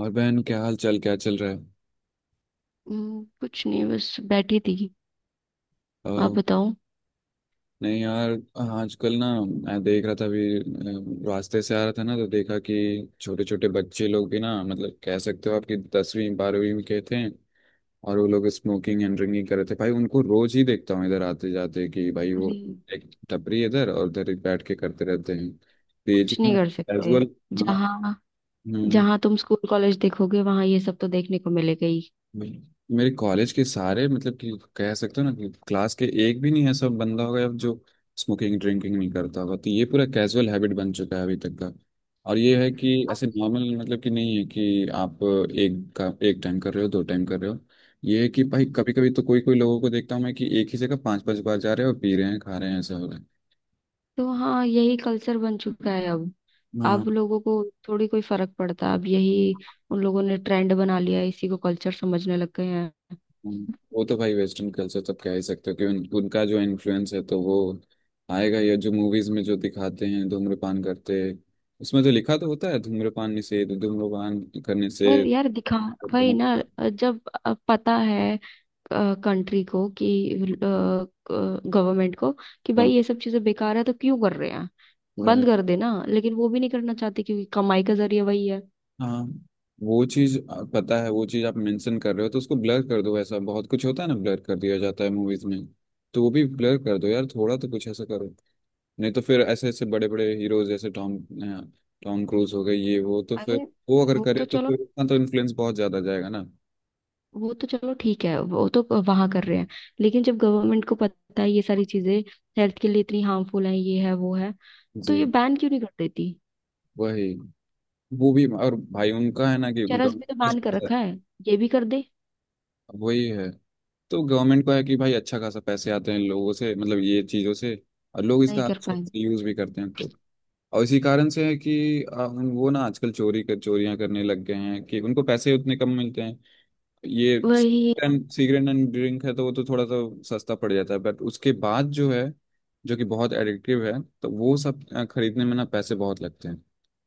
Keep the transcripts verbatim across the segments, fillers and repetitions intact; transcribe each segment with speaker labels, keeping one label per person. Speaker 1: और बहन, क्या हाल चाल, क्या चल रहा है?
Speaker 2: हम्म, कुछ नहीं, बस बैठी थी।
Speaker 1: अ,
Speaker 2: आप बताओ।
Speaker 1: नहीं यार। आजकल ना मैं देख रहा था, अभी अ, रास्ते से आ रहा था ना, तो देखा कि छोटे छोटे बच्चे लोग भी, ना मतलब कह सकते हो आपकी दसवीं बारहवीं में के थे। और वो लोग स्मोकिंग एंड ड्रिंकिंग कर रहे थे। भाई उनको रोज ही देखता हूँ इधर आते जाते, कि भाई वो
Speaker 2: अरे,
Speaker 1: एक टपरी इधर और उधर एक बैठ के करते रहते हैं। तो ये
Speaker 2: कुछ
Speaker 1: चीज
Speaker 2: नहीं कर
Speaker 1: एज
Speaker 2: सकते।
Speaker 1: वेल। हाँ।
Speaker 2: जहाँ
Speaker 1: हम्म।
Speaker 2: जहाँ तुम स्कूल कॉलेज देखोगे, वहां ये सब तो देखने को मिलेगा ही।
Speaker 1: बिल्कुल। मेरे कॉलेज के सारे मतलब कि, कह सकते हो ना कि क्लास के एक भी नहीं ऐसा बंदा होगा जो स्मोकिंग ड्रिंकिंग नहीं करता होगा। तो ये पूरा कैजुअल हैबिट बन चुका है अभी तक का। और ये है कि
Speaker 2: अब
Speaker 1: ऐसे नॉर्मल, मतलब कि, नहीं है कि आप एक का एक टाइम कर रहे हो, दो टाइम कर रहे हो। ये है कि भाई कभी कभी तो कोई कोई लोगों को देखता हूँ मैं, कि एक ही जगह पांच पांच बार जा रहे हो, पी रहे हैं खा रहे हैं, ऐसा हो रहा
Speaker 2: तो हाँ, यही कल्चर बन चुका है अब।
Speaker 1: है।
Speaker 2: अब लोगों को थोड़ी कोई फर्क पड़ता, अब यही उन लोगों ने ट्रेंड बना लिया है, इसी को कल्चर समझने लग गए हैं।
Speaker 1: हम्म। वो तो भाई, वेस्टर्न कल्चर तो कह ही सकते हो कि उन, उनका जो इन्फ्लुएंस है तो वो आएगा, या जो मूवीज में जो दिखाते हैं धूम्रपान करते। उसमें तो लिखा तो होता है धूम्रपान निषेध, धूम्रपान करने से
Speaker 2: पर यार, दिखा वही ना।
Speaker 1: धूम-
Speaker 2: जब अब पता है कंट्री को कि गवर्नमेंट को कि भाई ये सब चीजें बेकार है, तो क्यों कर रहे हैं? बंद
Speaker 1: right।
Speaker 2: कर देना, लेकिन वो भी नहीं करना चाहते क्योंकि कमाई का जरिया वही है।
Speaker 1: हाँ, वो चीज पता है। वो चीज आप मेंशन कर रहे हो, तो उसको ब्लर कर दो। ऐसा बहुत कुछ होता है ना, ब्लर कर दिया जाता है मूवीज में। तो वो भी ब्लर कर दो यार, थोड़ा तो कुछ ऐसा करो। नहीं तो फिर ऐसे ऐसे बड़े बड़े हीरोज जैसे टॉम टॉम क्रूज हो गए, ये वो, तो
Speaker 2: अरे,
Speaker 1: फिर वो अगर
Speaker 2: वो तो
Speaker 1: करे तो
Speaker 2: चलो
Speaker 1: फिर उतना तो इन्फ्लुएंस बहुत ज्यादा जाएगा ना।
Speaker 2: वो तो चलो ठीक है, वो तो वहां कर रहे हैं। लेकिन जब गवर्नमेंट को पता है ये सारी चीजें हेल्थ के लिए इतनी हार्मफुल है, ये है वो है, तो
Speaker 1: जी,
Speaker 2: ये बैन क्यों नहीं कर देती?
Speaker 1: वही। वो भी, और भाई उनका है ना कि उनका
Speaker 2: चरस भी तो
Speaker 1: बस
Speaker 2: बैन कर
Speaker 1: पैसा है।
Speaker 2: रखा है, ये भी कर दे।
Speaker 1: वही है। तो गवर्नमेंट को है कि भाई अच्छा खासा पैसे आते हैं लोगों से, मतलब ये चीज़ों से, और लोग
Speaker 2: नहीं
Speaker 1: इसका
Speaker 2: कर
Speaker 1: अच्छा
Speaker 2: पाए,
Speaker 1: यूज भी करते हैं तो। और इसी कारण से है कि आ, उन- वो ना आजकल चोरी कर चोरियां करने लग गए हैं, कि उनको पैसे उतने कम मिलते हैं। ये
Speaker 2: वही।
Speaker 1: सिगरेट एंड ड्रिंक है तो वो तो थोड़ा सा सस्ता पड़ जाता है, बट उसके बाद जो है जो कि बहुत एडिक्टिव है, तो वो सब अ, खरीदने में ना पैसे बहुत लगते हैं,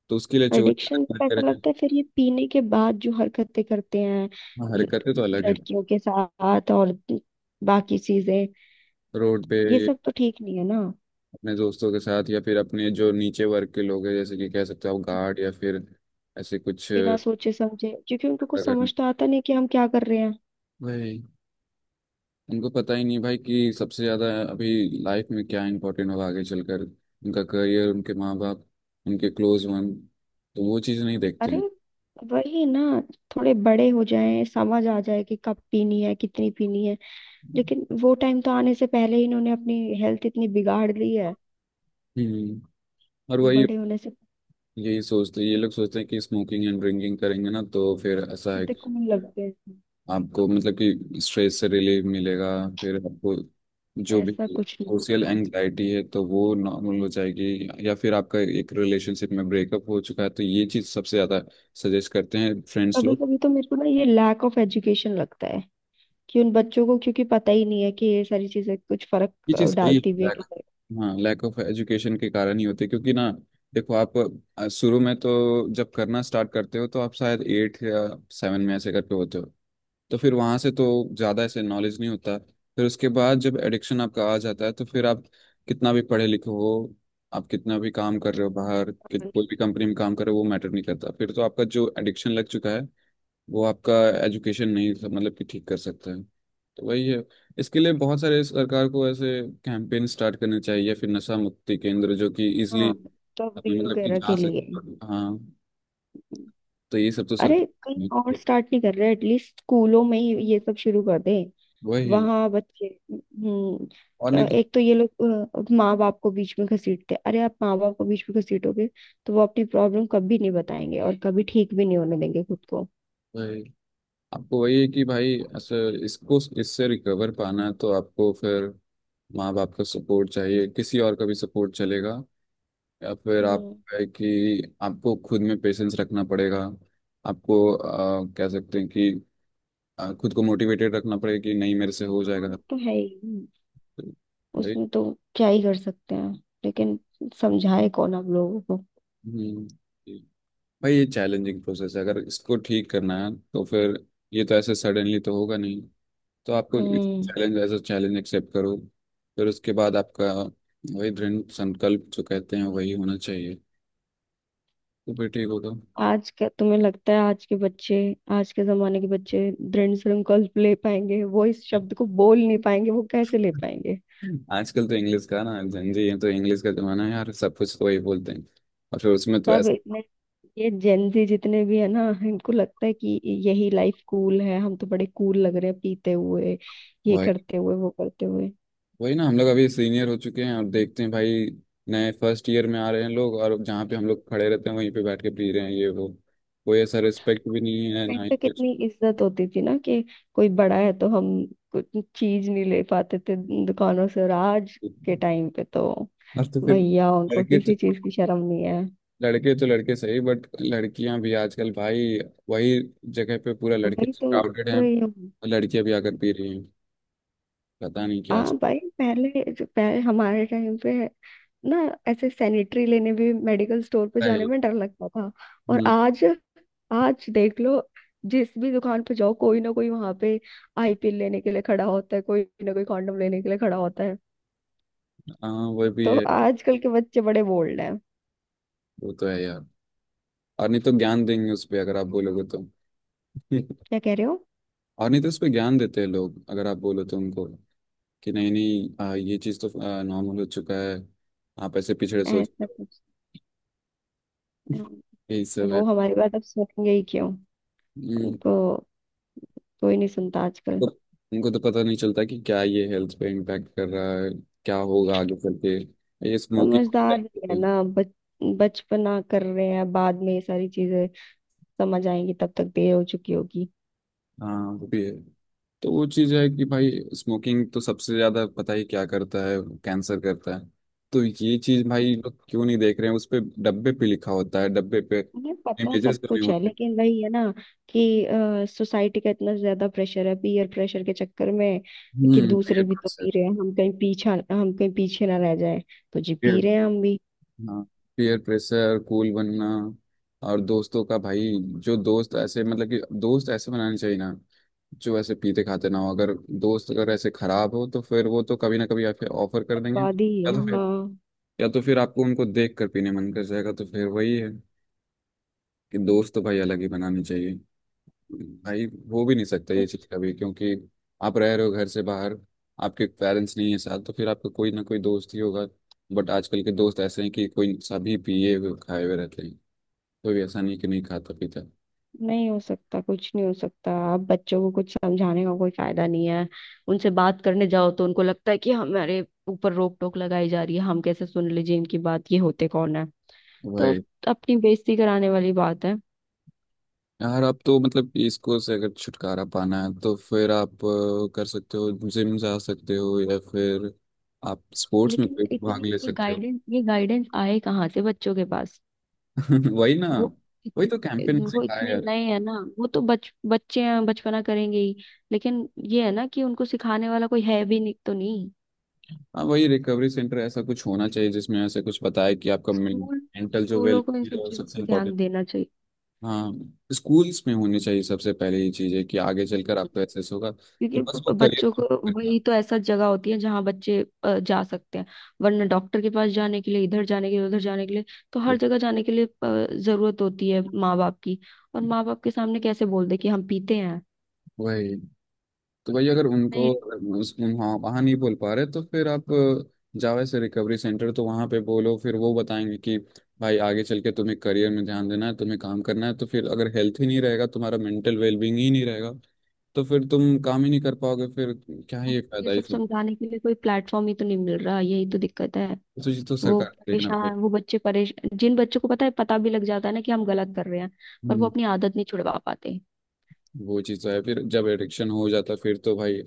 Speaker 1: तो उसके लिए चोरी।
Speaker 2: एडिक्शन पे ऐसा
Speaker 1: हरकतें।
Speaker 2: लगता है, फिर ये पीने के बाद जो हरकतें करते हैं,
Speaker 1: हाँ,
Speaker 2: ल-
Speaker 1: हरकतें तो अलग है।
Speaker 2: लड़कियों के साथ और बाकी चीजें,
Speaker 1: रोड पे
Speaker 2: ये
Speaker 1: ये
Speaker 2: सब तो ठीक नहीं है ना।
Speaker 1: अपने दोस्तों के साथ, या फिर अपने जो नीचे वर्ग के लोग हैं जैसे कि कह सकते हो आप गार्ड या फिर ऐसे कुछ,
Speaker 2: बिना
Speaker 1: अ,
Speaker 2: सोचे समझे, क्योंकि उनको कुछ
Speaker 1: करना।
Speaker 2: समझ तो आता नहीं कि हम क्या कर रहे हैं।
Speaker 1: वही। उनको पता ही नहीं भाई कि सबसे ज्यादा अभी लाइफ में क्या इम्पोर्टेंट होगा आगे चलकर, उनका करियर, उनके माँ बाप, उनके क्लोज वन, तो वो चीज़ नहीं देखते
Speaker 2: अरे,
Speaker 1: हैं।
Speaker 2: वही ना। थोड़े बड़े हो जाएं, समझ आ जाए कि कब पीनी है, कितनी पीनी है, लेकिन वो टाइम तो आने से पहले ही इन्होंने अपनी हेल्थ इतनी बिगाड़ ली है
Speaker 1: हम्म। और वही,
Speaker 2: बड़े होने से।
Speaker 1: यही सोचते, ये लोग सोचते हैं कि स्मोकिंग एंड ड्रिंकिंग करेंगे ना तो फिर ऐसा है
Speaker 2: कितने
Speaker 1: कि
Speaker 2: कौन लगते हैं,
Speaker 1: आपको, मतलब कि, स्ट्रेस से रिलीफ मिलेगा, फिर आपको जो भी
Speaker 2: ऐसा कुछ नहीं।
Speaker 1: सोशल एंग्जाइटी है तो वो नॉर्मल हो जाएगी, या फिर आपका एक रिलेशनशिप में ब्रेकअप हो चुका है तो ये चीज़ सबसे ज़्यादा सजेस्ट करते हैं फ्रेंड्स
Speaker 2: कभी
Speaker 1: लोग।
Speaker 2: कभी तो मेरे को ना ये लैक ऑफ एजुकेशन लगता है, कि उन बच्चों को क्योंकि पता ही नहीं है कि ये सारी चीजें कुछ फर्क
Speaker 1: ये
Speaker 2: अ,
Speaker 1: चीज सही है।
Speaker 2: डालती भी है
Speaker 1: लैक।
Speaker 2: कि
Speaker 1: हाँ, लैक ऑफ एजुकेशन के कारण ही होते हैं, क्योंकि ना देखो आप, अ, शुरू में तो जब करना स्टार्ट करते हो तो आप शायद एट या सेवन में ऐसे करके होते हो। तो फिर वहां से तो ज्यादा ऐसे नॉलेज नहीं होता। फिर उसके बाद जब एडिक्शन आपका आ जाता है तो फिर आप कितना भी पढ़े लिखे हो, आप कितना भी काम कर रहे हो बाहर, कि-
Speaker 2: नहीं।
Speaker 1: कोई भी कंपनी में काम कर रहे हो, वो मैटर नहीं करता। फिर तो आपका जो एडिक्शन लग चुका है वो आपका, एजुकेशन नहीं सब मतलब कि ठीक कर सकता है। तो वही है। इसके लिए बहुत सारे सरकार को ऐसे कैंपेन स्टार्ट करने चाहिए, फिर नशा मुक्ति केंद्र जो कि इजिली
Speaker 2: हाँ, रिकवरी
Speaker 1: मतलब कि
Speaker 2: वगैरह
Speaker 1: जा
Speaker 2: के लिए।
Speaker 1: सकते, हाँ। तो ये सब तो
Speaker 2: अरे, कहीं और
Speaker 1: सरकार,
Speaker 2: स्टार्ट नहीं कर रहे, एटलीस्ट स्कूलों में ही ये सब शुरू कर दे,
Speaker 1: वही।
Speaker 2: वहां बच्चे। हम्म।
Speaker 1: और नहीं
Speaker 2: क्या-
Speaker 1: तो
Speaker 2: एक तो ये लोग माँ बाप को बीच में घसीटते हैं। अरे, आप माँ बाप को बीच में घसीटोगे तो वो अपनी प्रॉब्लम कभी नहीं बताएंगे और कभी ठीक भी नहीं होने देंगे खुद को।
Speaker 1: वही। आपको वही है कि भाई ऐसे, इसको इससे रिकवर पाना है तो आपको फिर माँ बाप का सपोर्ट चाहिए, किसी और का भी सपोर्ट चलेगा, या फिर आप
Speaker 2: हम्म।
Speaker 1: है कि आपको खुद में पेशेंस रखना पड़ेगा। आपको आ, कह सकते हैं कि आ, खुद को मोटिवेटेड रखना पड़ेगा कि नहीं, मेरे से हो
Speaker 2: हाँ, वो
Speaker 1: जाएगा
Speaker 2: तो है ही। हम्म,
Speaker 1: भाई।
Speaker 2: उसमें तो क्या ही कर सकते हैं, लेकिन समझाए कौन आप लोगों को।
Speaker 1: हम्म। भाई ये चैलेंजिंग प्रोसेस है, अगर इसको ठीक करना है तो फिर ये तो ऐसे सडनली तो होगा नहीं। तो आपको
Speaker 2: hmm.
Speaker 1: Challenge as a challenge accept करो, फिर उसके बाद आपका वही दृढ़ संकल्प जो कहते हैं, वही होना चाहिए। तो फिर ठीक होगा।
Speaker 2: आज का तुम्हें लगता है आज के बच्चे आज के जमाने के बच्चे दृढ़ संकल्प ले पाएंगे? वो इस शब्द को बोल नहीं पाएंगे, वो कैसे ले पाएंगे?
Speaker 1: आजकल तो इंग्लिश का ना, जंजी है तो इंग्लिश का जमाना है यार, सब कुछ तो वही बोलते हैं। और फिर उसमें तो
Speaker 2: सब
Speaker 1: ऐसा
Speaker 2: इतने ये जेंजी जितने भी है ना, इनको लगता है कि यही लाइफ कूल है, हम तो बड़े कूल लग रहे हैं पीते हुए, ये
Speaker 1: वही।
Speaker 2: करते हुए, वो करते हुए।
Speaker 1: वही ना, हम लोग अभी सीनियर हो चुके हैं और देखते हैं भाई नए फर्स्ट ईयर में आ रहे हैं लोग, और जहाँ पे हम लोग खड़े रहते हैं वहीं पे बैठ के पी रहे हैं ये वो। कोई ऐसा रिस्पेक्ट भी नहीं है, ना
Speaker 2: टाइम
Speaker 1: ही
Speaker 2: पे
Speaker 1: कुछ।
Speaker 2: कितनी इज्जत होती थी ना कि कोई बड़ा है तो हम कुछ चीज नहीं ले पाते थे दुकानों से, और आज के टाइम पे तो
Speaker 1: और तो फिर
Speaker 2: भैया, उनको
Speaker 1: लड़के
Speaker 2: किसी
Speaker 1: तो
Speaker 2: चीज की शर्म नहीं है।
Speaker 1: लड़के तो लड़के सही, बट लड़कियां भी आजकल भाई वही जगह पे, पूरा लड़के
Speaker 2: वही तो
Speaker 1: क्राउडेड
Speaker 2: बोल
Speaker 1: हैं
Speaker 2: रही हूँ।
Speaker 1: और लड़कियां भी आकर पी रही हैं, पता नहीं क्या चल
Speaker 2: हाँ भाई, पहले जो पहले हमारे टाइम पे ना, ऐसे सैनिटरी लेने भी मेडिकल स्टोर पे
Speaker 1: रहा है।
Speaker 2: जाने में डर लगता था, और
Speaker 1: हम्म।
Speaker 2: आज आज देख लो, जिस भी दुकान पे जाओ, कोई ना कोई वहां पे आई पिल लेने के लिए खड़ा होता है, कोई ना कोई कॉन्डम लेने के लिए खड़ा होता है।
Speaker 1: हाँ, वो भी
Speaker 2: तो
Speaker 1: है।
Speaker 2: आजकल के बच्चे बड़े बोल्ड हैं।
Speaker 1: वो तो है यार। और नहीं तो ज्ञान देंगे उस पे अगर आप बोलोगे तो।
Speaker 2: क्या कह रहे हो?
Speaker 1: और नहीं तो उस पे ज्ञान देते हैं लोग अगर आप बोलो तो उनको, कि नहीं नहीं, आ, ये चीज़ तो नॉर्मल हो चुका है, आप ऐसे पिछड़े
Speaker 2: ऐसा
Speaker 1: सोचते हो,
Speaker 2: कुछ। हम्म,
Speaker 1: यही सब है।
Speaker 2: वो हमारी बात अब सुनेंगे ही क्यों?
Speaker 1: हम्म।
Speaker 2: उनको कोई नहीं सुनता आजकल।
Speaker 1: तो उनको तो पता नहीं चलता कि क्या ये हेल्थ पे इम्पैक्ट कर रहा है, क्या होगा आगे चल के ये स्मोकिंग।
Speaker 2: समझदार नहीं है ना, बच बचपना कर रहे हैं, बाद में ये सारी चीजें समझ आएंगी, तब तक देर हो चुकी होगी।
Speaker 1: हाँ, वो भी है। तो वो चीज़ है कि भाई, स्मोकिंग तो सबसे ज़्यादा पता ही क्या करता है, कैंसर करता है। तो ये चीज़ भाई लोग क्यों नहीं देख रहे हैं? उस पे डब्बे पे लिखा होता है, डब्बे पे
Speaker 2: मुझे पता सब
Speaker 1: इमेजेस बने
Speaker 2: कुछ है,
Speaker 1: होते हैं।
Speaker 2: लेकिन वही है ना कि सोसाइटी का इतना ज्यादा प्रेशर है, पीयर प्रेशर के चक्कर में कि
Speaker 1: हम्म, पीयर
Speaker 2: दूसरे भी तो
Speaker 1: प्रेशर।
Speaker 2: पी रहे हैं, हम कहीं पीछा हम कहीं पीछे ना रह जाए, तो जी पी
Speaker 1: पीयर।
Speaker 2: रहे हैं हम भी।
Speaker 1: हाँ, पीयर प्रेशर, कूल बनना। और दोस्तों का भाई, जो दोस्त ऐसे, मतलब कि दोस्त ऐसे बनाने चाहिए ना जो ऐसे पीते खाते ना हो, अगर दोस्त अगर ऐसे खराब हो तो फिर वो तो कभी ना कभी आपके ऑफर कर देंगे,
Speaker 2: बर्बादी
Speaker 1: या
Speaker 2: है,
Speaker 1: तो फिर,
Speaker 2: हाँ।
Speaker 1: या तो फिर आपको उनको देख कर पीने मन कर जाएगा, तो फिर वही है कि दोस्त तो भाई अलग ही बनाने चाहिए भाई। हो भी नहीं सकता ये चीज़ कभी, क्योंकि आप रह रहे हो घर से बाहर, आपके पेरेंट्स नहीं है साथ तो फिर आपका कोई ना कोई दोस्त ही होगा। बट आजकल के दोस्त ऐसे हैं कि कोई सभी पिए हुए खाए हुए रहते हैं, कोई ऐसा नहीं कि नहीं खाता पीता
Speaker 2: नहीं हो सकता, कुछ नहीं हो सकता, आप बच्चों को कुछ समझाने का कोई फायदा नहीं है। उनसे बात करने जाओ तो उनको लगता है कि हमारे ऊपर रोक टोक लगाई जा रही है, हम कैसे सुन लीजिए इनकी बात, ये होते कौन है? तो
Speaker 1: भाई।
Speaker 2: अपनी बेइज्जती कराने वाली बात है।
Speaker 1: यार आप तो, मतलब इसको से अगर छुटकारा पाना है, तो फिर आप अ, कर सकते हो, जिम जा सकते हो, या फिर आप स्पोर्ट्स में
Speaker 2: लेकिन
Speaker 1: कोई भाग
Speaker 2: इतनी
Speaker 1: ले
Speaker 2: ये
Speaker 1: सकते हो।
Speaker 2: गाइडेंस ये गाइडेंस आए कहाँ से बच्चों के पास?
Speaker 1: वही ना,
Speaker 2: वो
Speaker 1: वही तो कैंपेन
Speaker 2: इतने, वो
Speaker 1: सिखाया
Speaker 2: इतने
Speaker 1: यार।
Speaker 2: नए हैं ना, वो तो बच बच्चे हैं, बचपना करेंगे ही, लेकिन ये है ना कि उनको सिखाने वाला कोई है भी नहीं, तो नहीं।
Speaker 1: हाँ, वही रिकवरी सेंटर ऐसा कुछ होना चाहिए जिसमें ऐसे कुछ बताए कि आपका
Speaker 2: स्कूल
Speaker 1: मेंटल जो
Speaker 2: स्कूलों को इन
Speaker 1: वेलफेयर
Speaker 2: सब
Speaker 1: है वो
Speaker 2: चीज
Speaker 1: सबसे
Speaker 2: पे ध्यान
Speaker 1: इम्पोर्टेंट।
Speaker 2: देना चाहिए,
Speaker 1: हाँ, स्कूल्स में होनी चाहिए सबसे पहले ये चीज़, है कि आगे चलकर आपको एसेस होगा, तो
Speaker 2: क्योंकि
Speaker 1: बस वो
Speaker 2: बच्चों
Speaker 1: करियर
Speaker 2: को वही तो ऐसा जगह होती है जहां बच्चे अ, जा सकते हैं। वरना डॉक्टर के पास जाने के लिए, इधर जाने के लिए, उधर जाने के लिए, तो हर जगह जाने के लिए अ, जरूरत होती है माँ बाप की, और माँ बाप के सामने कैसे बोल दे कि हम पीते हैं?
Speaker 1: वही। तो वही, अगर
Speaker 2: नहीं,
Speaker 1: उनको उस, वहाँ वहाँ नहीं बोल पा रहे तो फिर आप जावे से रिकवरी सेंटर, तो वहाँ पे बोलो, फिर वो बताएंगे कि भाई आगे चल के तुम्हें करियर में ध्यान देना है, तुम्हें काम करना है, तो फिर अगर हेल्थ ही नहीं रहेगा, तुम्हारा मेंटल वेलबींग ही नहीं रहेगा, तो फिर तुम काम ही नहीं कर पाओगे, फिर क्या ही एक
Speaker 2: उनको ये
Speaker 1: फायदा ये
Speaker 2: सब
Speaker 1: सब।
Speaker 2: समझाने के लिए कोई प्लेटफॉर्म ही तो नहीं मिल रहा, यही तो दिक्कत है।
Speaker 1: तो चीज तो
Speaker 2: वो
Speaker 1: सरकार को देखना
Speaker 2: परेशान
Speaker 1: पड़ेगा।
Speaker 2: वो बच्चे परेशान, जिन बच्चों को पता है, पता भी लग जाता है ना कि हम गलत कर रहे हैं, पर वो
Speaker 1: हम्म।
Speaker 2: अपनी आदत नहीं छुड़वा पाते।
Speaker 1: वो चीज़ तो है, फिर जब एडिक्शन हो जाता है, फिर तो भाई,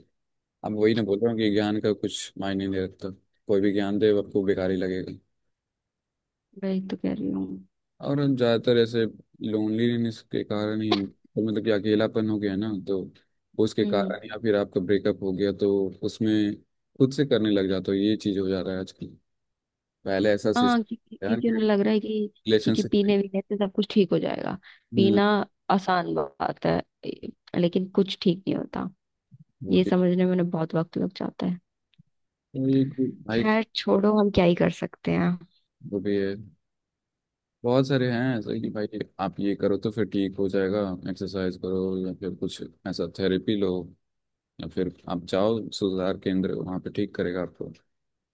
Speaker 1: अब वही ना बोल रहा हूँ कि ज्ञान का कुछ मायने नहीं रखता, कोई भी ज्ञान दे आपको बेकार ही लगेगा।
Speaker 2: वही तो कह रही हूँ।
Speaker 1: और ज़्यादातर ऐसे लोनलीनेस के कारण ही तो, मतलब कि अकेलापन हो गया ना तो उसके
Speaker 2: हम्म।
Speaker 1: कारण, या फिर आपका ब्रेकअप हो गया तो उसमें खुद से करने लग जाता हो, ये चीज़ हो जा रहा है आजकल। पहले ऐसा
Speaker 2: हाँ, क्योंकि
Speaker 1: सिस्टम यार,
Speaker 2: क्योंकि
Speaker 1: कि
Speaker 2: उन्हें लग रहा है कि क्योंकि
Speaker 1: रिलेशनशिप।
Speaker 2: पीने वीने से सब कुछ ठीक हो जाएगा।
Speaker 1: हम्म।
Speaker 2: पीना आसान बात है, ए- लेकिन कुछ ठीक नहीं होता,
Speaker 1: वो
Speaker 2: ये
Speaker 1: भी-
Speaker 2: समझने में उन्हें बहुत वक्त लग जाता है।
Speaker 1: तो ये कोई- भाई
Speaker 2: खैर, छोड़ो, हम क्या ही कर सकते हैं।
Speaker 1: वो भी है। बहुत सारे हैं ऐसे कि भाई आप ये करो तो फिर ठीक हो जाएगा, एक्सरसाइज करो या फिर कुछ ऐसा थेरेपी लो, या फिर आप जाओ सुधार केंद्र वहाँ पे ठीक करेगा आपको।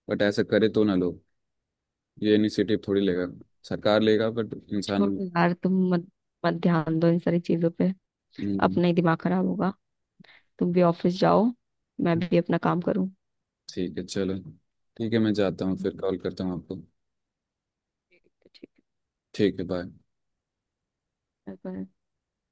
Speaker 1: बट ऐसा करे तो ना लोग, ये इनिशिएटिव थोड़ी लेगा, सरकार लेगा बट इंसान।
Speaker 2: छोड़ो यार, तुम मत मत ध्यान दो इन सारी चीजों पे,
Speaker 1: हम्म।
Speaker 2: अपना ही दिमाग खराब होगा। तुम भी ऑफिस जाओ, मैं भी अपना काम करूँ।
Speaker 1: ठीक है चलो। ठीक है मैं जाता हूँ, फिर कॉल करता हूँ आपको।
Speaker 2: ठीक है, ठीक
Speaker 1: ठीक है, बाय।
Speaker 2: है, bye-bye।